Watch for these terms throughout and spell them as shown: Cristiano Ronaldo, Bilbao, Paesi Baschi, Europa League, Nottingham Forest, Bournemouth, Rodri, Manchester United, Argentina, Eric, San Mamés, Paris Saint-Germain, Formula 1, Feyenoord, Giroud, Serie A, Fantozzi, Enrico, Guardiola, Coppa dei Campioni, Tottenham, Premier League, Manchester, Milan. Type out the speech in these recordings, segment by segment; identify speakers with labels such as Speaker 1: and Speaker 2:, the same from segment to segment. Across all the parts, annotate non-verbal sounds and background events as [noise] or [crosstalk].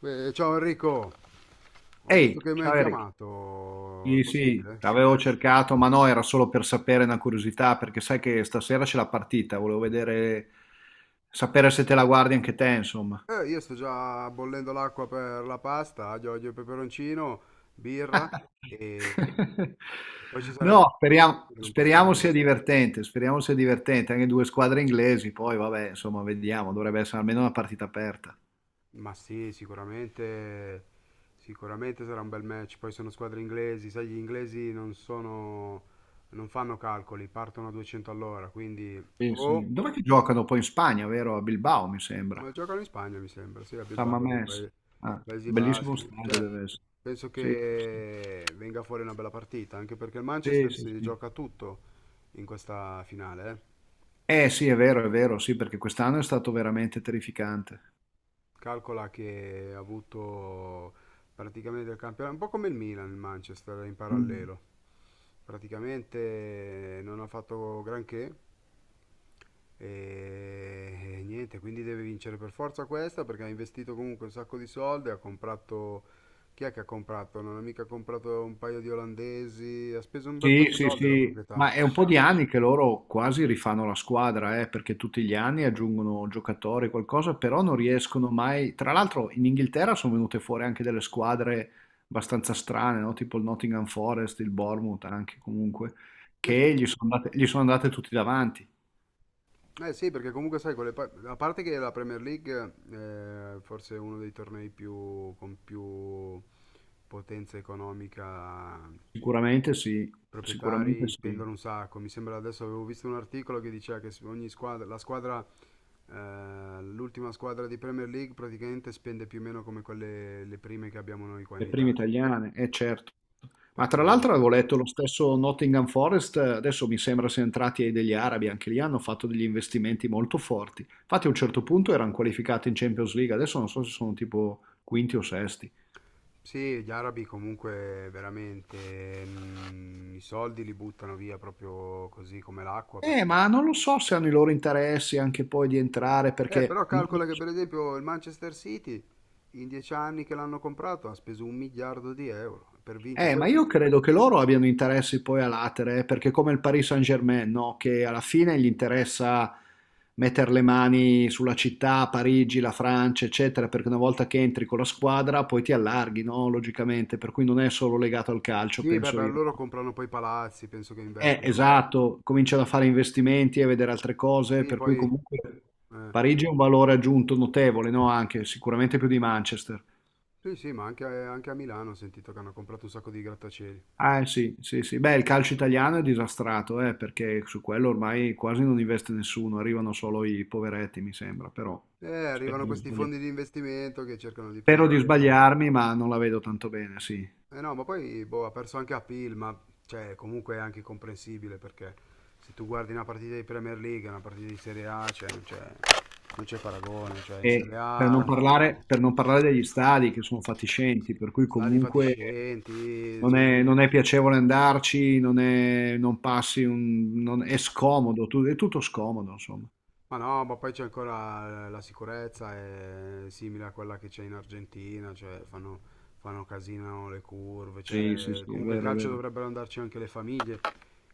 Speaker 1: Beh, ciao Enrico, ho
Speaker 2: Ehi,
Speaker 1: visto che mi hai
Speaker 2: ciao Eric.
Speaker 1: chiamato, è
Speaker 2: Sì, sì,
Speaker 1: possibile?
Speaker 2: avevo cercato, ma no, era solo per sapere una curiosità, perché sai che stasera c'è la partita, volevo vedere, sapere se te la guardi anche te, insomma.
Speaker 1: Io sto già bollendo l'acqua per la pasta, aglio, olio e peperoncino, birra e
Speaker 2: [laughs]
Speaker 1: e poi ci sarebbe
Speaker 2: No,
Speaker 1: la parte
Speaker 2: speriamo,
Speaker 1: che non posso dire.
Speaker 2: speriamo sia divertente, anche due squadre inglesi, poi vabbè, insomma, vediamo, dovrebbe essere almeno una partita aperta.
Speaker 1: Ma sì, sicuramente sarà un bel match, poi sono squadre inglesi, sai, gli inglesi non sono, non fanno calcoli, partono a 200 all'ora, quindi
Speaker 2: Sì, sì.
Speaker 1: o
Speaker 2: Dov'è che giocano poi in Spagna, vero? A Bilbao, mi sembra.
Speaker 1: Ma giocano in Spagna, mi sembra, sì, a
Speaker 2: San
Speaker 1: Bilbao, lì,
Speaker 2: Mamés. Ah,
Speaker 1: Paesi
Speaker 2: bellissimo
Speaker 1: Baschi.
Speaker 2: stadio
Speaker 1: Cioè,
Speaker 2: deve essere.
Speaker 1: penso
Speaker 2: Sì, sì.
Speaker 1: che venga fuori una bella partita, anche perché il
Speaker 2: Sì,
Speaker 1: Manchester
Speaker 2: sì,
Speaker 1: si
Speaker 2: sì.
Speaker 1: gioca tutto in questa finale, eh.
Speaker 2: Eh sì, è vero, sì, perché quest'anno è stato veramente terrificante.
Speaker 1: Calcola che ha avuto praticamente il campionato, un po' come il Milan, il Manchester in
Speaker 2: Mm.
Speaker 1: parallelo. Praticamente non ha fatto granché e, e niente, quindi deve vincere per forza questa perché ha investito comunque un sacco di soldi, ha comprato... Chi è che ha comprato? Non ha mica comprato un paio di olandesi, ha speso un bel po'
Speaker 2: Sì,
Speaker 1: di
Speaker 2: sì,
Speaker 1: soldi la
Speaker 2: sì,
Speaker 1: proprietà.
Speaker 2: ma è un po' di anni che loro quasi rifanno la squadra, perché tutti gli anni aggiungono giocatori, qualcosa, però non riescono mai. Tra l'altro in Inghilterra sono venute fuori anche delle squadre abbastanza strane, no? Tipo il Nottingham Forest, il Bournemouth anche comunque,
Speaker 1: Eh sì.
Speaker 2: che gli sono andate tutti davanti.
Speaker 1: Eh sì, perché comunque sai, con le a parte che la Premier League è forse uno dei tornei più, con più potenza economica, i
Speaker 2: Sicuramente sì, sicuramente
Speaker 1: proprietari
Speaker 2: sì.
Speaker 1: spendono un sacco. Mi sembra adesso avevo visto un articolo che diceva che ogni squadra, la squadra, l'ultima squadra di Premier League praticamente spende più o meno come quelle le prime che abbiamo noi qua in
Speaker 2: Le prime
Speaker 1: Italia.
Speaker 2: italiane, eh certo. Ma
Speaker 1: Perché
Speaker 2: tra
Speaker 1: hanno...
Speaker 2: l'altro avevo letto lo stesso Nottingham Forest, adesso mi sembra siano entrati ai degli arabi, anche lì hanno fatto degli investimenti molto forti. Infatti a un certo punto erano qualificati in Champions League, adesso non so se sono tipo quinti o sesti.
Speaker 1: Sì, gli arabi comunque veramente i soldi li buttano via proprio così come l'acqua.
Speaker 2: Ma non lo so se hanno i loro interessi anche poi di entrare,
Speaker 1: Però
Speaker 2: perché non...
Speaker 1: calcola che per esempio il Manchester City in 10 anni che l'hanno comprato ha speso un miliardo di euro per vincere.
Speaker 2: Ma
Speaker 1: Poi
Speaker 2: io credo che loro abbiano interessi poi a latere, perché come il Paris Saint-Germain, no? Che alla fine gli interessa mettere le mani sulla città, Parigi, la Francia, eccetera, perché una volta che entri con la squadra poi ti allarghi, no? Logicamente, per cui non è solo legato al calcio,
Speaker 1: sì, beh,
Speaker 2: penso
Speaker 1: per
Speaker 2: io,
Speaker 1: loro
Speaker 2: no?
Speaker 1: comprano poi palazzi, penso che investano.
Speaker 2: Esatto, cominciano a fare investimenti e a vedere altre cose,
Speaker 1: Sì,
Speaker 2: per cui
Speaker 1: poi
Speaker 2: comunque
Speaker 1: eh,
Speaker 2: Parigi è un valore aggiunto notevole, no? Anche sicuramente più di Manchester.
Speaker 1: sì, sì, ma anche a Milano ho sentito che hanno comprato un sacco di grattacieli.
Speaker 2: Ah, sì, sì, sì. Beh, il calcio italiano è disastrato, perché su quello ormai quasi non investe nessuno, arrivano solo i poveretti, mi sembra, però spero
Speaker 1: Arrivano
Speaker 2: di
Speaker 1: questi
Speaker 2: sbagliarmi,
Speaker 1: fondi di investimento che cercano di
Speaker 2: spero di
Speaker 1: prendere. Eh.
Speaker 2: sbagliarmi, ma non la vedo tanto bene, sì.
Speaker 1: Eh no, ma poi boh, ha perso anche a Pil, ma cioè, comunque è anche comprensibile perché se tu guardi una partita di Premier League, e una partita di Serie A, cioè, non c'è paragone, cioè in Serie
Speaker 2: E
Speaker 1: A
Speaker 2: per non parlare degli stadi che sono fatiscenti, per cui
Speaker 1: stadi
Speaker 2: comunque
Speaker 1: fatiscenti,
Speaker 2: non
Speaker 1: cioè,
Speaker 2: è, non è piacevole andarci, non è, non passi un, è scomodo, è tutto scomodo, insomma.
Speaker 1: ma no, ma poi c'è ancora la sicurezza, è simile a quella che c'è in Argentina, cioè fanno, casino le curve,
Speaker 2: Sì, sì,
Speaker 1: cioè,
Speaker 2: sì, è
Speaker 1: comunque il
Speaker 2: vero, è
Speaker 1: calcio
Speaker 2: vero.
Speaker 1: dovrebbero andarci anche le famiglie,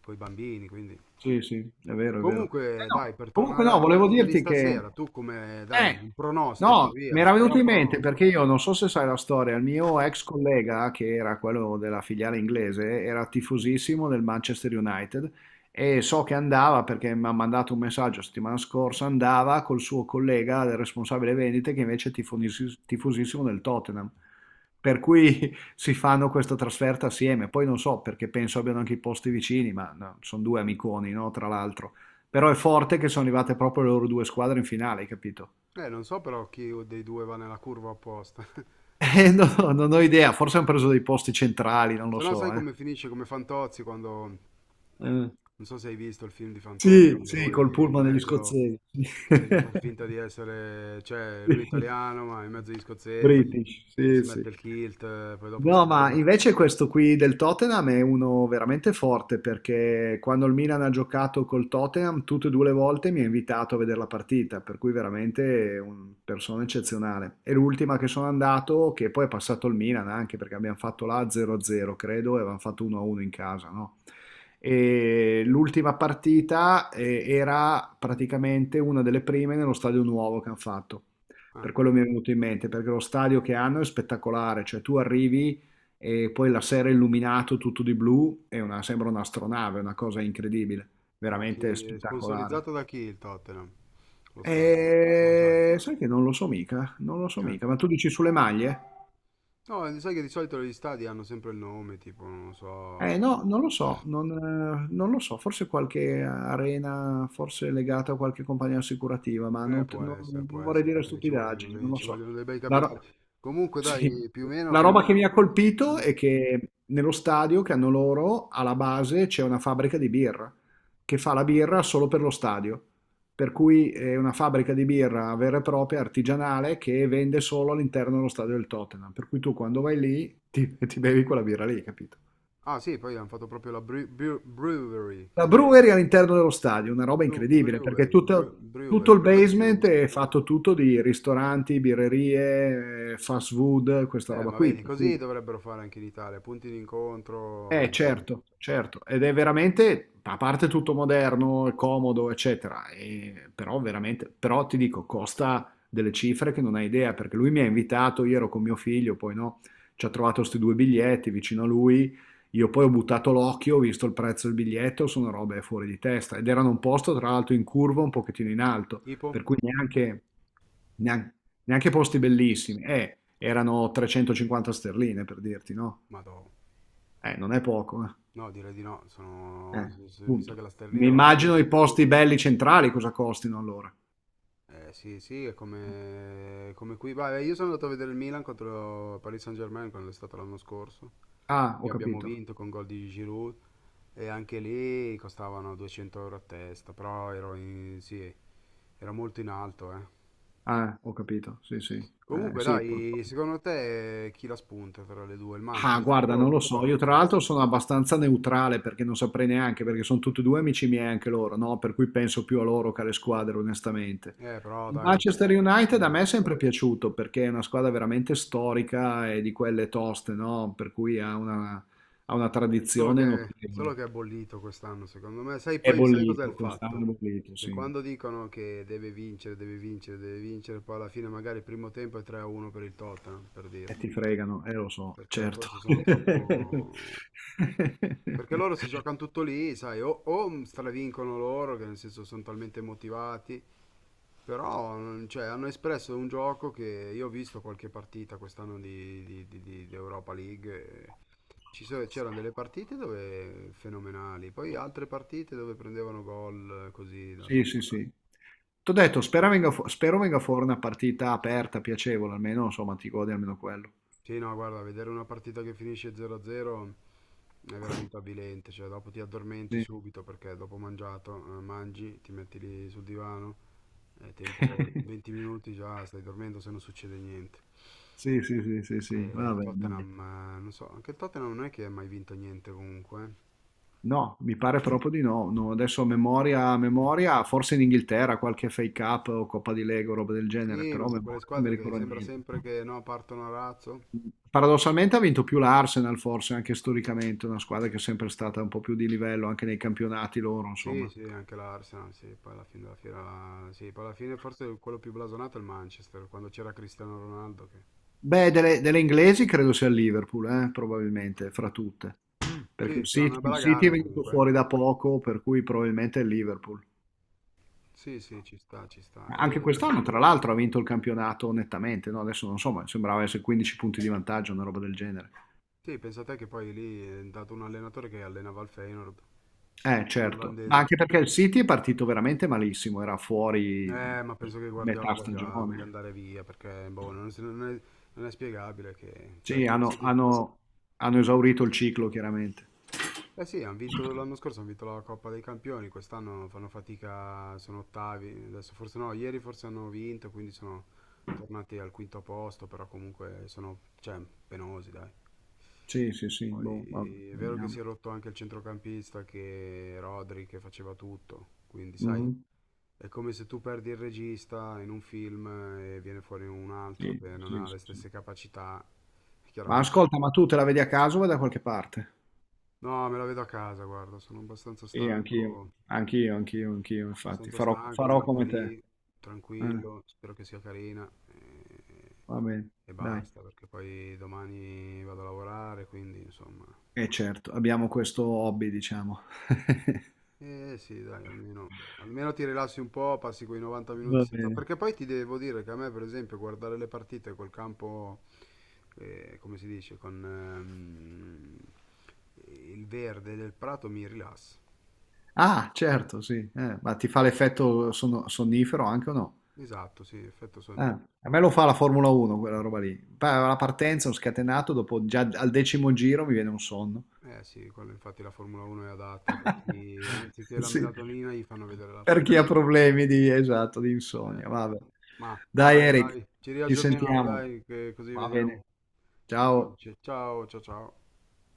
Speaker 1: con i bambini, quindi...
Speaker 2: Sì, sì, è vero, è vero. Eh
Speaker 1: Comunque,
Speaker 2: no,
Speaker 1: dai, per
Speaker 2: comunque
Speaker 1: tornare
Speaker 2: no,
Speaker 1: alla
Speaker 2: volevo
Speaker 1: partita di
Speaker 2: dirti che
Speaker 1: stasera, tu come, dai,
Speaker 2: eh,
Speaker 1: un pronostico,
Speaker 2: no, mi
Speaker 1: via,
Speaker 2: era
Speaker 1: spara
Speaker 2: venuto
Speaker 1: un
Speaker 2: in mente
Speaker 1: pronostico.
Speaker 2: perché io non so se sai la storia, il mio ex collega, che era quello della filiale inglese, era tifosissimo del Manchester United e so che andava perché mi ha mandato un messaggio la settimana scorsa, andava col suo collega, il responsabile vendite, che invece è tifosissimo del Tottenham. Per cui [laughs] si fanno questa trasferta assieme, poi non so perché penso abbiano anche i posti vicini, ma no, sono due amiconi, no, tra l'altro. Però è forte che sono arrivate proprio le loro due squadre in finale, hai capito?
Speaker 1: Non so però chi dei due va nella curva apposta. [laughs]
Speaker 2: No, [laughs] non ho idea, forse han preso dei posti centrali, non lo
Speaker 1: Se no sai
Speaker 2: so, eh.
Speaker 1: come finisce, come Fantozzi quando,
Speaker 2: Eh.
Speaker 1: non so se hai visto il film di Fantozzi,
Speaker 2: Sì,
Speaker 1: quando
Speaker 2: sì,
Speaker 1: lui
Speaker 2: col
Speaker 1: è in
Speaker 2: pullman degli
Speaker 1: mezzo,
Speaker 2: scozzesi.
Speaker 1: che deve far finta di essere, cioè, lui è italiano, ma è in
Speaker 2: [laughs]
Speaker 1: mezzo agli scozzesi,
Speaker 2: British,
Speaker 1: e
Speaker 2: sì,
Speaker 1: si
Speaker 2: sì.
Speaker 1: mette il kilt, poi dopo
Speaker 2: No, ma
Speaker 1: scopre...
Speaker 2: invece questo qui del Tottenham è uno veramente forte perché quando il Milan ha giocato col Tottenham tutte e due le volte mi ha invitato a vedere la partita, per cui veramente è una persona eccezionale. E l'ultima che sono andato, che poi è passato il Milan anche perché abbiamo fatto la 0-0 credo e avevamo fatto 1-1 in casa, no? E l'ultima partita era praticamente una delle prime nello stadio nuovo che hanno fatto.
Speaker 1: Ah,
Speaker 2: Per quello mi è venuto in mente, perché lo stadio che hanno è spettacolare, cioè tu arrivi e poi la sera è illuminato tutto di blu, è una- sembra un'astronave, è una cosa incredibile,
Speaker 1: ma
Speaker 2: veramente
Speaker 1: chi è
Speaker 2: spettacolare.
Speaker 1: sponsorizzato da chi il Tottenham? Lo stadio, non lo sai.
Speaker 2: E sai che non lo so mica, non lo so
Speaker 1: Eh.
Speaker 2: mica, ma tu dici sulle maglie?
Speaker 1: No, sai che di solito gli stadi hanno sempre il nome, tipo, non lo so.
Speaker 2: Eh no, non lo so, non, non lo so, forse qualche arena, forse legata a qualche compagnia assicurativa, ma non,
Speaker 1: Può
Speaker 2: non vorrei
Speaker 1: essere,
Speaker 2: dire
Speaker 1: perché ci vogliono
Speaker 2: stupidaggini, non
Speaker 1: dei,
Speaker 2: lo
Speaker 1: ci
Speaker 2: so.
Speaker 1: vogliono dei bei
Speaker 2: La,
Speaker 1: capitali.
Speaker 2: ro-
Speaker 1: Comunque,
Speaker 2: sì.
Speaker 1: dai, più o meno...
Speaker 2: La roba che mi ha colpito
Speaker 1: Mm.
Speaker 2: è che nello stadio che hanno loro, alla base, c'è una fabbrica di birra, che fa la birra solo per lo stadio, per cui è una fabbrica di birra vera e propria, artigianale, che vende solo all'interno dello stadio del Tottenham, per cui tu quando vai lì ti bevi quella birra lì, capito?
Speaker 1: Ah, sì, poi hanno fatto proprio la brewery,
Speaker 2: La
Speaker 1: come dico.
Speaker 2: brewery all'interno dello stadio, una roba incredibile, perché
Speaker 1: Brewery,
Speaker 2: tutto, tutto
Speaker 1: brewery,
Speaker 2: il
Speaker 1: come si
Speaker 2: basement
Speaker 1: pronuncia?
Speaker 2: è fatto tutto di ristoranti, birrerie, fast food, questa roba
Speaker 1: Ma
Speaker 2: qui.
Speaker 1: vedi,
Speaker 2: Per cui
Speaker 1: così dovrebbero fare anche in Italia, punti d'incontro, cioè...
Speaker 2: certo, certo, ed è veramente, a parte tutto moderno, è comodo, eccetera, però veramente, però ti dico, costa delle cifre che non hai idea, perché lui mi ha invitato, io ero con mio figlio, poi no, ci ha trovato questi due biglietti vicino a lui, io poi ho buttato l'occhio, ho visto il prezzo del biglietto, sono robe fuori di testa, ed erano un posto tra l'altro in curva un pochettino in alto,
Speaker 1: Tipo?
Speaker 2: per cui neanche, neanche, neanche posti bellissimi, erano 350 sterline per dirti, no?
Speaker 1: Madò.
Speaker 2: Non è poco, eh.
Speaker 1: No, direi di no, sono...
Speaker 2: Eh,
Speaker 1: mi sa
Speaker 2: punto.
Speaker 1: che la
Speaker 2: Mi
Speaker 1: sterlina vale
Speaker 2: immagino
Speaker 1: più.
Speaker 2: i posti belli centrali cosa costino allora.
Speaker 1: Sì, sì, è come, come qui. Vabbè, io sono andato a vedere il Milan contro il Paris Saint-Germain quando è stato l'anno scorso,
Speaker 2: Ah, ho
Speaker 1: che abbiamo
Speaker 2: capito.
Speaker 1: vinto con gol di Giroud e anche lì costavano 200 euro a testa, però ero sì, era molto in alto, eh.
Speaker 2: Ah, ho capito. Sì, sì.
Speaker 1: Comunque,
Speaker 2: Sì,
Speaker 1: dai,
Speaker 2: purtroppo.
Speaker 1: secondo te chi la spunta tra le due, il
Speaker 2: Ah,
Speaker 1: Manchester
Speaker 2: guarda, non
Speaker 1: o
Speaker 2: lo
Speaker 1: il
Speaker 2: so. Io tra
Speaker 1: Tottenham?
Speaker 2: l'altro sono abbastanza neutrale perché non saprei neanche, perché sono tutti e due amici miei anche loro, no? Per cui penso più a loro che alle squadre, onestamente.
Speaker 1: Però
Speaker 2: Il
Speaker 1: dai,
Speaker 2: Manchester United a me è sempre piaciuto perché è una squadra veramente storica e di quelle toste, no? Per cui ha una
Speaker 1: Solo
Speaker 2: tradizione
Speaker 1: che,
Speaker 2: notevole.
Speaker 1: solo che è bollito quest'anno, secondo me. Sai
Speaker 2: È
Speaker 1: poi, sai cos'è il
Speaker 2: bollito, quest'anno
Speaker 1: fatto?
Speaker 2: è bollito,
Speaker 1: Che
Speaker 2: sì.
Speaker 1: quando dicono che deve vincere, deve vincere, deve vincere, poi alla fine magari il primo tempo è 3-1 per il Tottenham, per
Speaker 2: E
Speaker 1: dirti.
Speaker 2: ti fregano, lo so,
Speaker 1: Perché
Speaker 2: certo.
Speaker 1: forse sono troppo... Perché loro si
Speaker 2: [laughs]
Speaker 1: giocano tutto lì, sai, o stravincono loro, che nel senso sono talmente motivati, però cioè, hanno espresso un gioco che io ho visto qualche partita quest'anno di Europa League. E c'erano delle partite dove fenomenali, poi altre partite dove prendevano gol così dal
Speaker 2: Sì,
Speaker 1: nulla.
Speaker 2: sì, sì. T'ho detto, spero venga fuori una partita aperta, piacevole, almeno, insomma, ti godi almeno quello.
Speaker 1: Sì, no, guarda, vedere una partita che finisce 0-0 è veramente avvilente, cioè dopo ti addormenti
Speaker 2: Sì.
Speaker 1: subito perché dopo mangiato, mangi, ti metti lì sul divano, è tempo 20
Speaker 2: [laughs]
Speaker 1: minuti già, stai dormendo se non succede niente.
Speaker 2: Sì, sì, sì, sì, sì,
Speaker 1: E
Speaker 2: vabbè, dai.
Speaker 1: Tottenham, non so, anche il Tottenham non è che ha mai vinto niente comunque. Eh.
Speaker 2: No, mi pare proprio di no. No, adesso a memoria, forse in Inghilterra qualche FA Cup o Coppa di Lega o roba del genere,
Speaker 1: Sì,
Speaker 2: però
Speaker 1: ma
Speaker 2: a
Speaker 1: sono quelle
Speaker 2: memoria non mi
Speaker 1: squadre che
Speaker 2: ricordo
Speaker 1: sembra
Speaker 2: niente.
Speaker 1: sempre che no, partono a razzo.
Speaker 2: Paradossalmente ha vinto più l'Arsenal, forse anche storicamente, una squadra che è sempre stata un po' più di livello anche nei campionati loro,
Speaker 1: Sì,
Speaker 2: insomma.
Speaker 1: sì, anche l'Arsenal, sì, poi alla fine della fiera, sì, poi alla fine forse quello più blasonato è il Manchester, quando c'era Cristiano Ronaldo che...
Speaker 2: Beh, delle, delle inglesi credo sia il Liverpool, probabilmente, fra tutte,
Speaker 1: Mm,
Speaker 2: perché
Speaker 1: sì, si fanno una
Speaker 2: Il
Speaker 1: bella
Speaker 2: City è
Speaker 1: gara
Speaker 2: venuto
Speaker 1: comunque.
Speaker 2: fuori da poco, per cui probabilmente è il Liverpool.
Speaker 1: Sì, sì, ci sta, ci sta.
Speaker 2: Anche
Speaker 1: E
Speaker 2: quest'anno, tra l'altro, ha vinto il campionato nettamente, no? Adesso non so, ma sembrava essere 15 punti di vantaggio, una roba del genere.
Speaker 1: sì, pensate che poi lì è andato un allenatore che allenava il Feyenoord, un
Speaker 2: Certo, ma anche
Speaker 1: olandese.
Speaker 2: perché il City è partito veramente malissimo, era fuori
Speaker 1: Ma penso che Guardiola
Speaker 2: metà
Speaker 1: voglia
Speaker 2: stagione.
Speaker 1: andare via perché boh, non è spiegabile che, cioè,
Speaker 2: Sì,
Speaker 1: sono passati.
Speaker 2: hanno esaurito il ciclo, chiaramente.
Speaker 1: Eh sì, hanno vinto l'anno scorso, hanno vinto la Coppa dei Campioni, quest'anno fanno fatica, sono ottavi, adesso forse no, ieri forse hanno vinto, quindi sono tornati al quinto posto, però comunque sono, cioè, penosi,
Speaker 2: Sì, sì, sì, boh, vabbè,
Speaker 1: Poi è vero che
Speaker 2: vediamo.
Speaker 1: si è rotto anche il centrocampista, che Rodri che faceva tutto, quindi sai,
Speaker 2: Mhm.
Speaker 1: è come se tu perdi il regista in un film e viene fuori un altro
Speaker 2: Sì,
Speaker 1: che non
Speaker 2: sì,
Speaker 1: ha
Speaker 2: sì,
Speaker 1: le
Speaker 2: sì.
Speaker 1: stesse capacità,
Speaker 2: Ma
Speaker 1: chiaramente.
Speaker 2: ascolta, ma tu te la vedi a caso o da qualche parte?
Speaker 1: No, me la vedo a casa, guarda, sono abbastanza
Speaker 2: Sì, anch'io,
Speaker 1: stanco,
Speaker 2: anch'io, anch'io, anch'io, infatti.
Speaker 1: abbastanza
Speaker 2: Farò,
Speaker 1: stanco, mi
Speaker 2: farò
Speaker 1: metto
Speaker 2: come te.
Speaker 1: lì,
Speaker 2: Eh,
Speaker 1: tranquillo, spero che sia carina e,
Speaker 2: va bene,
Speaker 1: e
Speaker 2: dai.
Speaker 1: basta, perché poi domani vado a lavorare, quindi insomma,
Speaker 2: E certo, abbiamo questo hobby, diciamo. [laughs]
Speaker 1: Eh sì, dai, almeno ti rilassi un po', passi quei 90 minuti
Speaker 2: Va
Speaker 1: senza...
Speaker 2: bene.
Speaker 1: Perché poi ti devo dire che a me, per esempio, guardare le partite col campo, come si dice, con il verde del prato mi rilassa.
Speaker 2: Ah, certo, sì. Eh, ma ti fa l'effetto sonnifero anche o no?
Speaker 1: Esatto, sì, effetto
Speaker 2: Ah,
Speaker 1: sonnino.
Speaker 2: a me lo fa la Formula 1 quella roba lì. La partenza, ho scatenato, dopo già al decimo giro mi viene un sonno.
Speaker 1: Eh sì, quello infatti la Formula 1 è adatta per chi,
Speaker 2: [laughs]
Speaker 1: anziché la
Speaker 2: Sì,
Speaker 1: melatonina, gli fanno vedere la
Speaker 2: per chi
Speaker 1: Formula
Speaker 2: ha
Speaker 1: 1.
Speaker 2: problemi di, esatto, di
Speaker 1: Eh,
Speaker 2: insonnia. Vabbè.
Speaker 1: ma
Speaker 2: Dai
Speaker 1: vabbè,
Speaker 2: Eric,
Speaker 1: dai, ci
Speaker 2: ci
Speaker 1: riaggiorniamo,
Speaker 2: sentiamo.
Speaker 1: dai, che così
Speaker 2: Va bene.
Speaker 1: vediamo chi
Speaker 2: Ciao.
Speaker 1: vince. Ciao, ciao, ciao.